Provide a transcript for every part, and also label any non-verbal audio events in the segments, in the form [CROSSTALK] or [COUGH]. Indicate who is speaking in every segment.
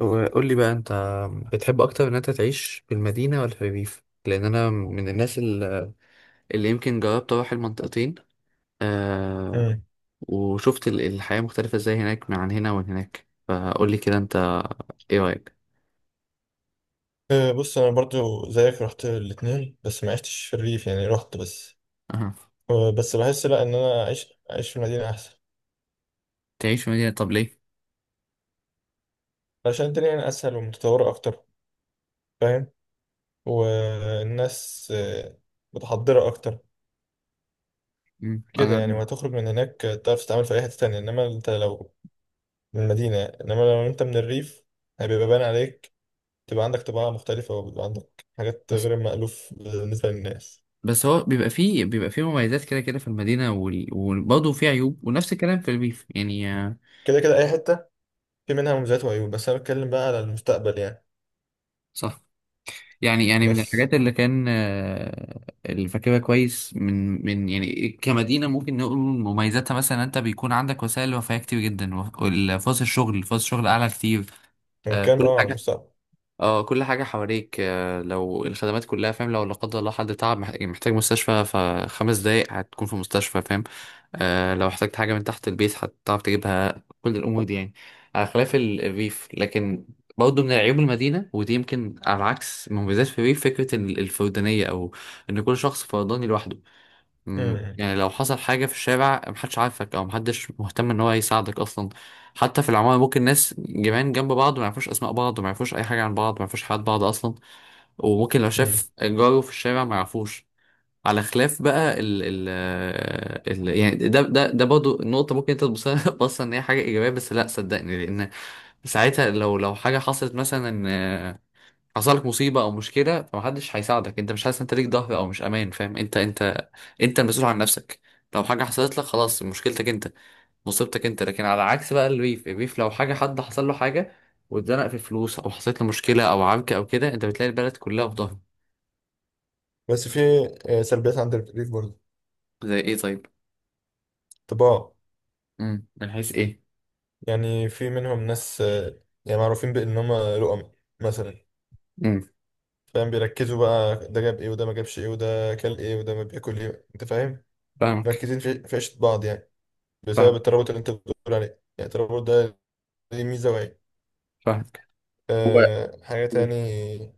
Speaker 1: وقول لي بقى انت بتحب اكتر ان انت تعيش في المدينه ولا في الريف، لان انا من الناس اللي يمكن جربت اروح المنطقتين، آه،
Speaker 2: مم.
Speaker 1: وشفت الحياه مختلفه ازاي هناك عن هنا، ومن هناك فقول لي كده انت ايه رايك؟
Speaker 2: بص انا برضو زيك رحت الاتنين، بس ما عشتش في الريف، يعني رحت بس.
Speaker 1: أها.
Speaker 2: بس بحس لا ان انا اعيش في المدينه احسن.
Speaker 1: تعيش في مدينه، طب ليه؟
Speaker 2: عشان الدنيا هنا اسهل ومتطوره اكتر، فاهم؟ والناس متحضره اكتر
Speaker 1: مم.
Speaker 2: كده يعني.
Speaker 1: أنا
Speaker 2: وهتخرج من هناك تعرف تتعامل في اي حته تانية، انما انت لو من المدينه، انما لو انت من الريف هيبقى باين عليك، تبقى عندك طباع مختلفه وبيبقى عندك حاجات
Speaker 1: بس
Speaker 2: غير مألوف بالنسبه للناس.
Speaker 1: بس هو بيبقى فيه مميزات كده كده في المدينه وبرضه فيه عيوب، ونفس الكلام في الريف يعني،
Speaker 2: كده كده اي حته في منها مميزات وعيوب، بس انا بتكلم بقى على المستقبل يعني.
Speaker 1: صح. يعني يعني من
Speaker 2: بس
Speaker 1: الحاجات اللي كان اللي فاكرها كويس من من يعني كمدينة، ممكن نقول مميزاتها مثلا انت بيكون عندك وسائل رفاهية كتير جدا، والفرص الشغل، فرص الشغل اعلى كتير.
Speaker 2: هو كام
Speaker 1: كل
Speaker 2: على
Speaker 1: حاجة،
Speaker 2: المستقبل.
Speaker 1: اه كل حاجة حواليك، لو الخدمات كلها فاهم، لو لا قدر الله حد تعب محتاج مستشفى، فخمس دقايق هتكون في مستشفى فاهم. آه، لو احتجت حاجة من تحت البيت هتعرف تجيبها، كل الأمور دي يعني، على خلاف الريف. لكن برضه من عيوب المدينة، ودي يمكن على عكس مميزات في الريف، فكرة الفردانية، أو إن كل شخص فرداني لوحده. مم،
Speaker 2: امم
Speaker 1: يعني لو حصل حاجة في الشارع، محدش عارفك أو محدش مهتم إن هو يساعدك أصلا. حتى في العمارة، ممكن ناس جيران جنب بعض ما يعرفوش أسماء بعض، ما يعرفوش أي حاجة عن بعض، ما يعرفوش حياة بعض أصلا. وممكن لو
Speaker 2: امم
Speaker 1: شاف جاره في الشارع ما يعرفوش. على خلاف بقى ال ال ال يعني، ده ده ده برضه نقطة ممكن أنت تبصها [LAUGHS] بص إن هي حاجة إيجابية، بس لأ صدقني، لأن ساعتها لو حاجة حصلت مثلا، حصل لك مصيبه او مشكله، فمحدش هيساعدك، انت مش حاسس انت ليك ظهر او مش امان فاهم، انت انت المسؤول عن نفسك. لو حاجه حصلت لك خلاص، مشكلتك انت، مصيبتك انت. لكن على عكس بقى الريف، الريف لو حاجه حد حصل له حاجه، واتزنق في فلوس او حصلت له مشكله او عركه او كده، انت بتلاقي البلد كلها في ظهره.
Speaker 2: بس في سلبيات عند الريف برضه.
Speaker 1: زي ايه طيب؟
Speaker 2: طباع.
Speaker 1: امم، من حيث ايه؟
Speaker 2: يعني في منهم ناس، يعني معروفين بان هم لقم مثلا،
Speaker 1: امم.
Speaker 2: فاهم؟ بيركزوا بقى ده جاب ايه وده ما جابش ايه وده كل ايه وده ما بياكل ايه، انت فاهم؟
Speaker 1: فاهمك.
Speaker 2: مركزين في عيشة بعض، يعني بسبب
Speaker 1: فاهم.
Speaker 2: الترابط اللي انت بتقول عليه. يعني الترابط ده ليه ميزة وعيب.
Speaker 1: فاهمك.
Speaker 2: حاجة
Speaker 1: هو
Speaker 2: تاني.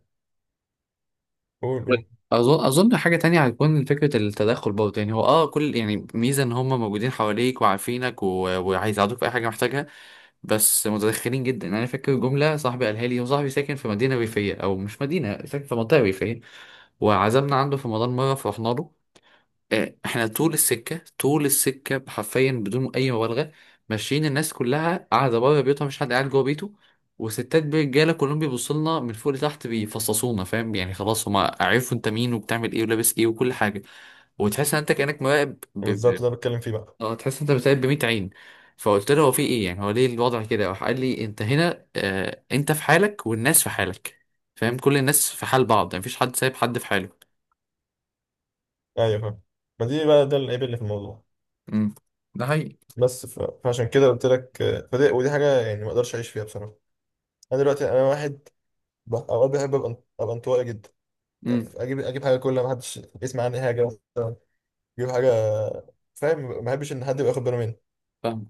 Speaker 2: قول قول.
Speaker 1: اظن حاجه تانية هتكون فكره التدخل برضه، يعني هو اه كل، يعني ميزه ان هم موجودين حواليك وعارفينك وهيساعدوك في اي حاجه محتاجها، بس متدخلين جدا. انا فاكر جمله صاحبي قالها لي، هو صاحبي ساكن في مدينه ريفيه، او مش مدينه، ساكن في منطقه ريفيه، وعزمنا عنده في رمضان مره فرحنا له. احنا طول السكة حرفيا بدون أي مبالغة، ماشيين، الناس كلها قاعدة بره بيوتها، مش حد قاعد جوه بيته، وستات برجالة كلهم بيبصوا لنا من فوق لتحت، بيفصصونا فاهم يعني، خلاص هما عرفوا انت مين وبتعمل ايه ولابس ايه وكل حاجة، وتحس ان انت كأنك مراقب
Speaker 2: بالظبط، ده بتكلم فيه بقى.
Speaker 1: اه، تحس ان انت بتراقب بمية عين. فقلت له هو في ايه يعني، هو ليه الوضع كده؟ راح قال لي، انت هنا آه، انت في حالك والناس في حالك فاهم، كل الناس في حال بعض يعني، مفيش حد سايب حد في حاله.
Speaker 2: ايوه فاهم. ما دي بقى ده العيب اللي في الموضوع.
Speaker 1: امم. ده حقيقي.
Speaker 2: بس فعشان كده قلت لك، فدي ودي حاجه يعني ما اقدرش اعيش فيها بصراحه. انا دلوقتي انا واحد، اوقات بحب ابقى انطوائي جدا.
Speaker 1: امم.
Speaker 2: يعني اجيب حاجه كلها، ما حدش يسمع عني حاجه مثلا. اجيب حاجه، فاهم؟ ما بحبش ان حد يبقى واخد باله مني.
Speaker 1: فاهم.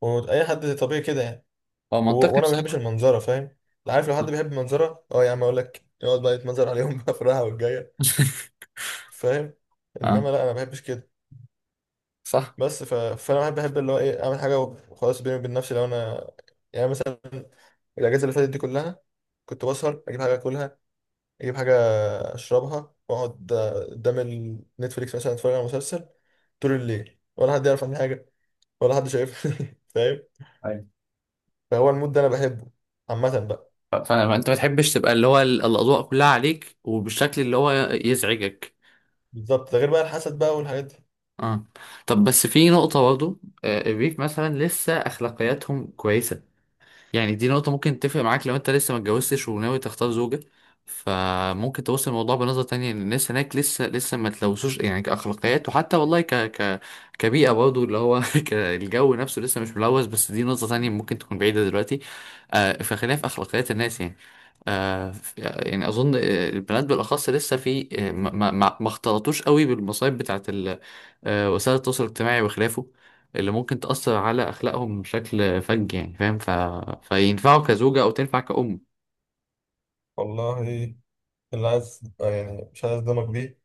Speaker 2: واي حد طبيعي كده يعني.
Speaker 1: هو منطقي
Speaker 2: وانا ما بحبش
Speaker 1: بصراحة.
Speaker 2: المنظره، فاهم؟ عارف لو حد بيحب المنظره، اه يا عم اقول لك يقعد بقى يتمنظر عليهم [LAUGHS] بقى في الراحه والجايه،
Speaker 1: [LAUGHS]
Speaker 2: فاهم؟
Speaker 1: اه،
Speaker 2: انما لا، انا ما بحبش كده.
Speaker 1: صح.
Speaker 2: بس فانا بحب اللي هو ايه، اعمل حاجه وخلاص بيني وبين نفسي. لو انا يعني مثلا الاجازه اللي فاتت دي كلها، كنت بسهر اجيب حاجه اكلها، اجيب حاجه اشربها واقعد قدام النتفليكس مثلا، اتفرج على مسلسل طول الليل، ولا حد يعرف عني حاجه، ولا حد شايفني [LAUGHS] فاهم؟
Speaker 1: أيوة.
Speaker 2: فهو المود ده انا بحبه عامه بقى.
Speaker 1: فما انت ما تحبش تبقى اللي هو الاضواء كلها عليك، وبالشكل اللي هو يزعجك.
Speaker 2: بالظبط، ده غير بقى الحسد بقى والحاجات دي.
Speaker 1: اه. طب بس في نقطة برضه، الريف مثلا لسه اخلاقياتهم كويسة، يعني دي نقطة ممكن تفرق معاك لو انت لسه ما اتجوزتش وناوي تختار زوجة، فممكن توصل الموضوع بنظرة تانية، ان الناس هناك لسه ما تلوثوش يعني كأخلاقيات، وحتى والله ك كبيئة برضه اللي هو، [LAUGHS] الجو نفسه لسه مش ملوث، بس دي نقطة تانية ممكن تكون بعيدة دلوقتي. آه، فخلينا في أخلاقيات الناس يعني. آه، يعني أظن، البنات بالأخص لسه في آه، ما اختلطوش قوي بالمصايب بتاعت آه، وسائل التواصل الاجتماعي وخلافه، اللي ممكن تأثر على أخلاقهم بشكل فج يعني فاهم. فينفعوا كزوجة أو تنفع كأم.
Speaker 2: والله، اللي عايز يعني مش عايز اصدمك بيه،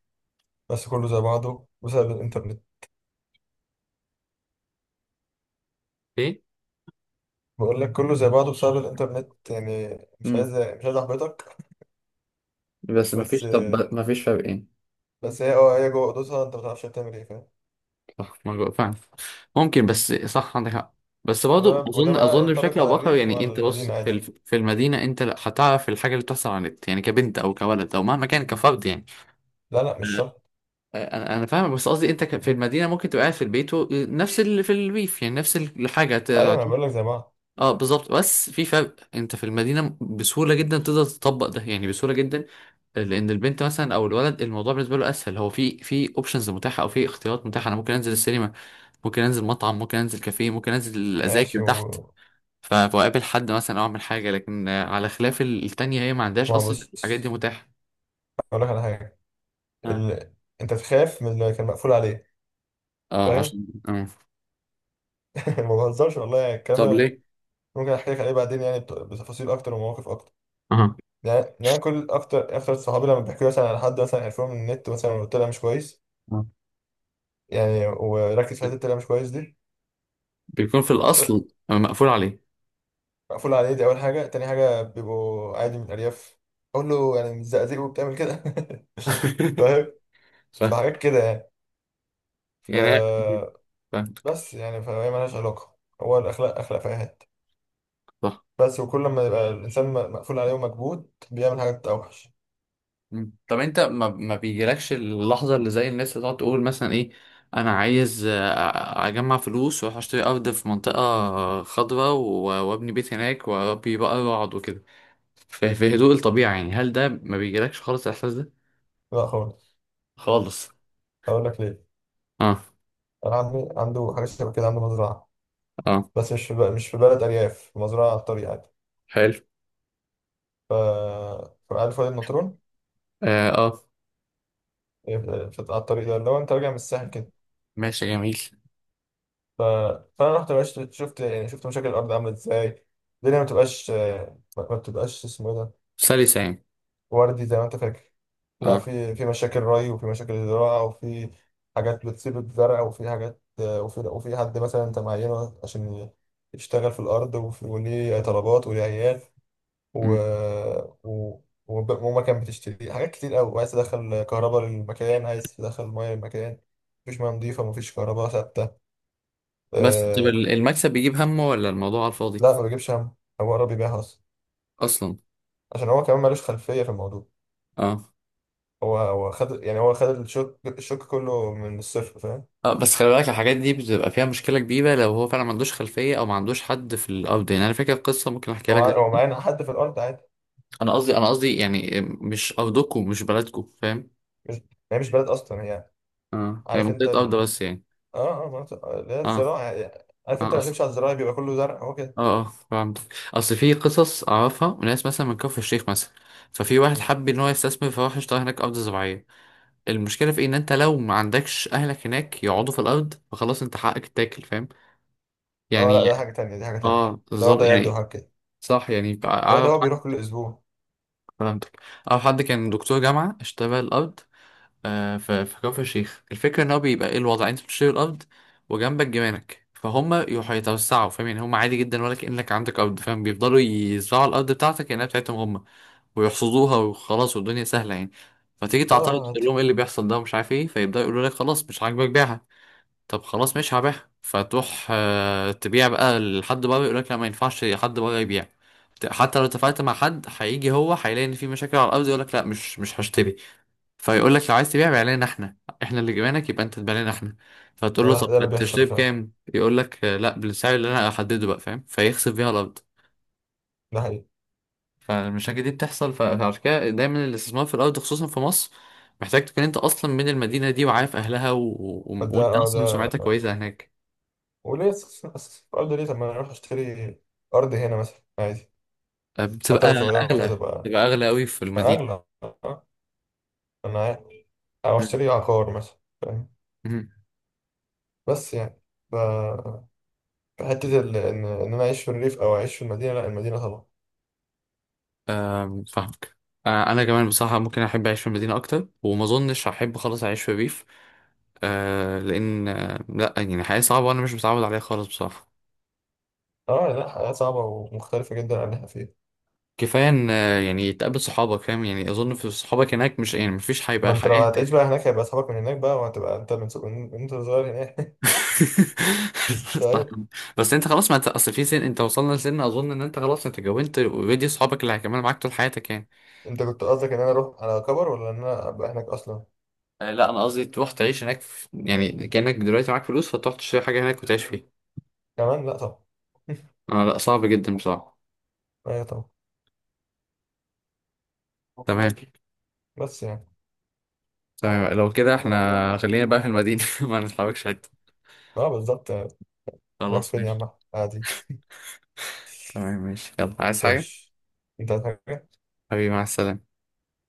Speaker 2: بس كله زي بعضه بسبب الانترنت.
Speaker 1: إيه؟
Speaker 2: بقول لك كله زي بعضه بسبب الانترنت يعني، مش
Speaker 1: امم.
Speaker 2: عايز احبطك.
Speaker 1: بس
Speaker 2: بس
Speaker 1: مفيش، طب مفيش فرقين؟
Speaker 2: بس هي جوه اوضتها انت ما تعرفش هتعمل ايه، فاهم؟
Speaker 1: صح. ما جو- فعلا ممكن، بس صح عندك حق. بس برضه
Speaker 2: وده
Speaker 1: أظن
Speaker 2: بقى
Speaker 1: أظن بشكل
Speaker 2: ينطبق
Speaker 1: أو
Speaker 2: على
Speaker 1: بآخر
Speaker 2: الريف
Speaker 1: يعني،
Speaker 2: وعلى
Speaker 1: أنت بص
Speaker 2: المدينة عادي.
Speaker 1: في المدينة أنت لا، هتعرف الحاجة اللي بتحصل على النت يعني، كبنت أو كولد أو مهما كان كفرد يعني.
Speaker 2: لا لا، مش شرط.
Speaker 1: انا فاهمك، بس قصدي انت في المدينه ممكن تبقى قاعد في البيت نفس اللي في الريف، يعني نفس الحاجه.
Speaker 2: ايوه، ما انا بقول لك زي بعض.
Speaker 1: اه بالظبط، بس في فرق، انت في المدينه بسهوله جدا تقدر تطبق ده، يعني بسهوله جدا. لان البنت مثلا او الولد، الموضوع بالنسبه له اسهل، هو في اوبشنز متاحه او في اختيارات متاحه، انا ممكن انزل السينما، ممكن انزل مطعم، ممكن انزل كافيه، ممكن انزل اذاكر
Speaker 2: ماشي، و
Speaker 1: تحت، فاقابل حد مثلا او اعمل حاجه. لكن على خلاف التانية هي ما عندهاش
Speaker 2: ما هو
Speaker 1: اصلا الحاجات دي
Speaker 2: بص
Speaker 1: متاحه.
Speaker 2: اقول لك على حاجة.
Speaker 1: اه.
Speaker 2: ال... انت تخاف من اللي كان مقفول عليه،
Speaker 1: اه،
Speaker 2: فاهم؟
Speaker 1: عشان آه.
Speaker 2: [LAUGHS] ما بهزرش والله يعني الكلام
Speaker 1: طب
Speaker 2: ده.
Speaker 1: ليه؟
Speaker 2: ممكن احكي لك عليه بعدين يعني بتفاصيل اكتر ومواقف اكتر.
Speaker 1: اها.
Speaker 2: يعني أنا كل اكتر اكتر صحابي لما بيحكوا لي مثلا على حد مثلا عرفوه من النت مثلا وطلع مش كويس،
Speaker 1: آه.
Speaker 2: يعني وركز في حته طلع مش كويس دي.
Speaker 1: بيكون في
Speaker 2: اكتر،
Speaker 1: الاصل مقفول عليه.
Speaker 2: مقفول عليه دي اول حاجه. تاني حاجه بيبقوا عادي من الارياف، اقول له يعني مش زقازيق وبتعمل كده [LAUGHS] فاهم؟
Speaker 1: [LAUGHS] ف
Speaker 2: فحاجات كده يعني. ف
Speaker 1: يعني، فاهمك.
Speaker 2: بس يعني فهي مالهاش علاقة، هو الأخلاق أخلاق فاهات.
Speaker 1: صح.
Speaker 2: بس وكل ما يبقى الإنسان مقفول عليه ومكبوت بيعمل حاجات أوحش.
Speaker 1: مم. طب انت ما, ما بيجيلكش اللحظة اللي زي الناس اللي تقعد تقول مثلا ايه، انا عايز اجمع فلوس واروح اشتري ارض في منطقة خضراء وابني بيت هناك واربي بقى واقعد وكده، في هدوء الطبيعة يعني؟ هل ده ما بيجيلكش خالص الاحساس ده؟
Speaker 2: لا خالص.
Speaker 1: خالص؟
Speaker 2: هقول لك ليه.
Speaker 1: اه.
Speaker 2: أنا عمي عنده حاجة شبه كده، عنده مزرعة.
Speaker 1: اه.
Speaker 2: بس مش في بلد أرياف، في مزرعة على الطريق عادي.
Speaker 1: حلو.
Speaker 2: ف فعارف وادي النطرون؟
Speaker 1: اه اه.
Speaker 2: على الطريق ده اللي هو أنت راجع من الساحل كده.
Speaker 1: ماشي جميل.
Speaker 2: ف... فأنا رحت بقى، شفت يعني شفت مشاكل الأرض عاملة إزاي. الدنيا ما بتبقاش، ما ما بتبقاش اسمه إيه ده،
Speaker 1: سلسة يعني.
Speaker 2: وردي زي ما انت فاكر. لا،
Speaker 1: اه.
Speaker 2: في مشاكل ري، وفي مشاكل زراعة، وفي حاجات بتصيب الزرع، وفي حاجات، وفي حد مثلا انت معينه عشان يشتغل في الأرض، وليه طلبات وليه عيال، و...
Speaker 1: مم.
Speaker 2: و... ومكان بتشتري حاجات كتير أوي، وعايز تدخل كهرباء للمكان، عايز تدخل مية للمكان. مفيش مية نضيفة، مفيش كهرباء ثابتة.
Speaker 1: بس طب
Speaker 2: أه...
Speaker 1: المكسب بيجيب همه ولا الموضوع على الفاضي؟
Speaker 2: لا ما بيجيبش هم، هو قرب يبيعها أصلا،
Speaker 1: اصلا.
Speaker 2: عشان هو كمان مالوش خلفية في الموضوع.
Speaker 1: اه.
Speaker 2: هو خد، يعني هو خد الشوك الشوك كله من الصفر، فاهم؟
Speaker 1: اه بس خلي بالك، الحاجات دي بتبقى فيها مشكلة كبيرة لو هو فعلا ما عندوش خلفية او ما عندوش حد في الارض. يعني انا فاكر قصة ممكن احكيها لك
Speaker 2: هو
Speaker 1: دلوقتي.
Speaker 2: معانا حد في الارض عادي.
Speaker 1: انا قصدي يعني مش ارضكم مش بلدكم فاهم.
Speaker 2: مش هي مش بلد اصلا هي.
Speaker 1: اه، هي
Speaker 2: عارف انت
Speaker 1: منطقة ارض بس يعني.
Speaker 2: اه اه، مناطق اللي هي
Speaker 1: اه
Speaker 2: الزراعه يعني. عارف انت
Speaker 1: اه
Speaker 2: لما
Speaker 1: اصل،
Speaker 2: بتمشي على الزراعه بيبقى كله زرع، هو كده.
Speaker 1: اه اه، فهمت. اصل في قصص اعرفها، ناس مثلا من كفر الشيخ مثلا، ففي واحد
Speaker 2: مم.
Speaker 1: حب ان هو يستثمر، فراح اشترى هناك ارض زراعية. المشكلة في إيه؟ ان انت لو ما عندكش اهلك هناك يقعدوا في الارض، فخلاص انت حقك تاكل فاهم
Speaker 2: اه لا،
Speaker 1: يعني.
Speaker 2: ده حاجه تانية، دي حاجه تانية.
Speaker 1: اه
Speaker 2: ده هو
Speaker 1: بالظبط
Speaker 2: ده يد
Speaker 1: يعني.
Speaker 2: وحاجه كده.
Speaker 1: صح يعني،
Speaker 2: لا ده
Speaker 1: اعرف.
Speaker 2: هو بيروح كل اسبوع.
Speaker 1: فهمتك. او حد كان دكتور جامعه اشترى الارض في كفر الشيخ، الفكره ان هو بيبقى ايه الوضع، انت بتشتري الارض وجنبك جيرانك، فهم يروحوا يتوسعوا فاهم يعني، هم عادي جدا ولا كانك عندك ارض فاهم، بيفضلوا يزرعوا الارض بتاعتك كانها بتاعتهم هم ويحصدوها وخلاص، والدنيا سهله يعني. فتيجي، مم،
Speaker 2: اه، آه،
Speaker 1: تعترض
Speaker 2: آه،
Speaker 1: تقول
Speaker 2: عادي.
Speaker 1: لهم ايه اللي بيحصل ده ومش عارف ايه، فيبداوا يقولوا لك خلاص مش عاجبك بيعها. طب خلاص مش هبيعها، فتروح تبيع بقى لحد بره، يقولك لا ما ينفعش حد بره يبيع، حتى لو اتفقت مع حد هيجي هو هيلاقي ان في مشاكل على الارض، يقولك لا مش هشتري. فيقولك لو عايز تبيع بيع لنا احنا، احنا اللي جبناك يبقى انت تبيع لنا احنا. فتقول له
Speaker 2: ده,
Speaker 1: طب
Speaker 2: ده اللي بيحصل
Speaker 1: هتشتري [LAUGHS]
Speaker 2: فعلا.
Speaker 1: بكام؟ يقولك لا بالسعر اللي انا احدده بقى فاهم، فيخسف بيها الارض.
Speaker 2: ده حقيقي.
Speaker 1: فالمشاكل دي بتحصل، فعشان كده دايما الاستثمار في الارض خصوصا في مصر، محتاج تكون انت اصلا من المدينه دي وعارف اهلها
Speaker 2: ده
Speaker 1: وانت
Speaker 2: اه
Speaker 1: اصلا
Speaker 2: ده
Speaker 1: سمعتك كويسه هناك.
Speaker 2: وليه الارض ليه؟ طب ما انا اروح اشتري ارض هنا مثلا عادي، حتى
Speaker 1: بتبقى
Speaker 2: لو صغيره
Speaker 1: أغلى،
Speaker 2: فتبقى
Speaker 1: بتبقى أغلى أوي في المدينة.
Speaker 2: اغلى. انا عارف. او
Speaker 1: مم.
Speaker 2: اشتري عقار مثلا، فاهم؟
Speaker 1: مم.
Speaker 2: بس يعني حتة إن أنا أعيش في الريف أو أعيش في المدينة، لا المدينة طبعا.
Speaker 1: آم، فاهمك. أنا كمان بصراحة ممكن أحب أعيش في المدينة أكتر، وما أظنش هحب خلاص أعيش في ريف. لأن آه، لأ يعني حياة صعبة وأنا مش متعود عليها خالص بصراحة.
Speaker 2: يعني لا، حياة صعبة ومختلفة جدا عن اللي إحنا فيه.
Speaker 1: كفاية إن يعني تقابل صحابك فاهم يعني، أظن في صحابك هناك مش، يعني مفيش
Speaker 2: ما
Speaker 1: هيبقى
Speaker 2: أنت لو
Speaker 1: حياة.
Speaker 2: هتعيش بقى هناك هيبقى أصحابك من هناك بقى، وهتبقى أنت من من أنت صغير هناك. [LAUGHS]
Speaker 1: [LAUGHS]
Speaker 2: طيب.
Speaker 1: طبعاً. بس أنت خلاص، ما أنت أصل في سن، أنت وصلنا لسن أظن إن أنت خلاص أنت اتجوزت أوريدي صحابك اللي هيكملوا معاك طول حياتك يعني.
Speaker 2: أنت كنت قصدك إن أنا أروح على كبر، ولا إن أنا أبقى هناك أصلا؟
Speaker 1: لا انا قصدي تروح تعيش هناك يعني كأنك دلوقتي معاك فلوس، فتروح تشتري حاجة هناك وتعيش فيها.
Speaker 2: كمان لا طبعا. [LAUGHS]
Speaker 1: آه لا، صعب جدا بصراحة.
Speaker 2: أيوة طبعا.
Speaker 1: تمام.
Speaker 2: بس يعني.
Speaker 1: تمام، لو كده احنا خلينا بقى في المدينة [LAUGHS] ما نتحركش حتة.
Speaker 2: أه، بالظبط. نروح
Speaker 1: خلاص
Speaker 2: فين يا
Speaker 1: ماشي.
Speaker 2: عم عادي.
Speaker 1: تمام ماشي، يلا عايز
Speaker 2: [LAUGHS]
Speaker 1: حاجة؟
Speaker 2: ماشي. أنت عايز حاجة؟
Speaker 1: حبيبي مع السلامة.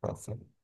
Speaker 2: مع السلامة.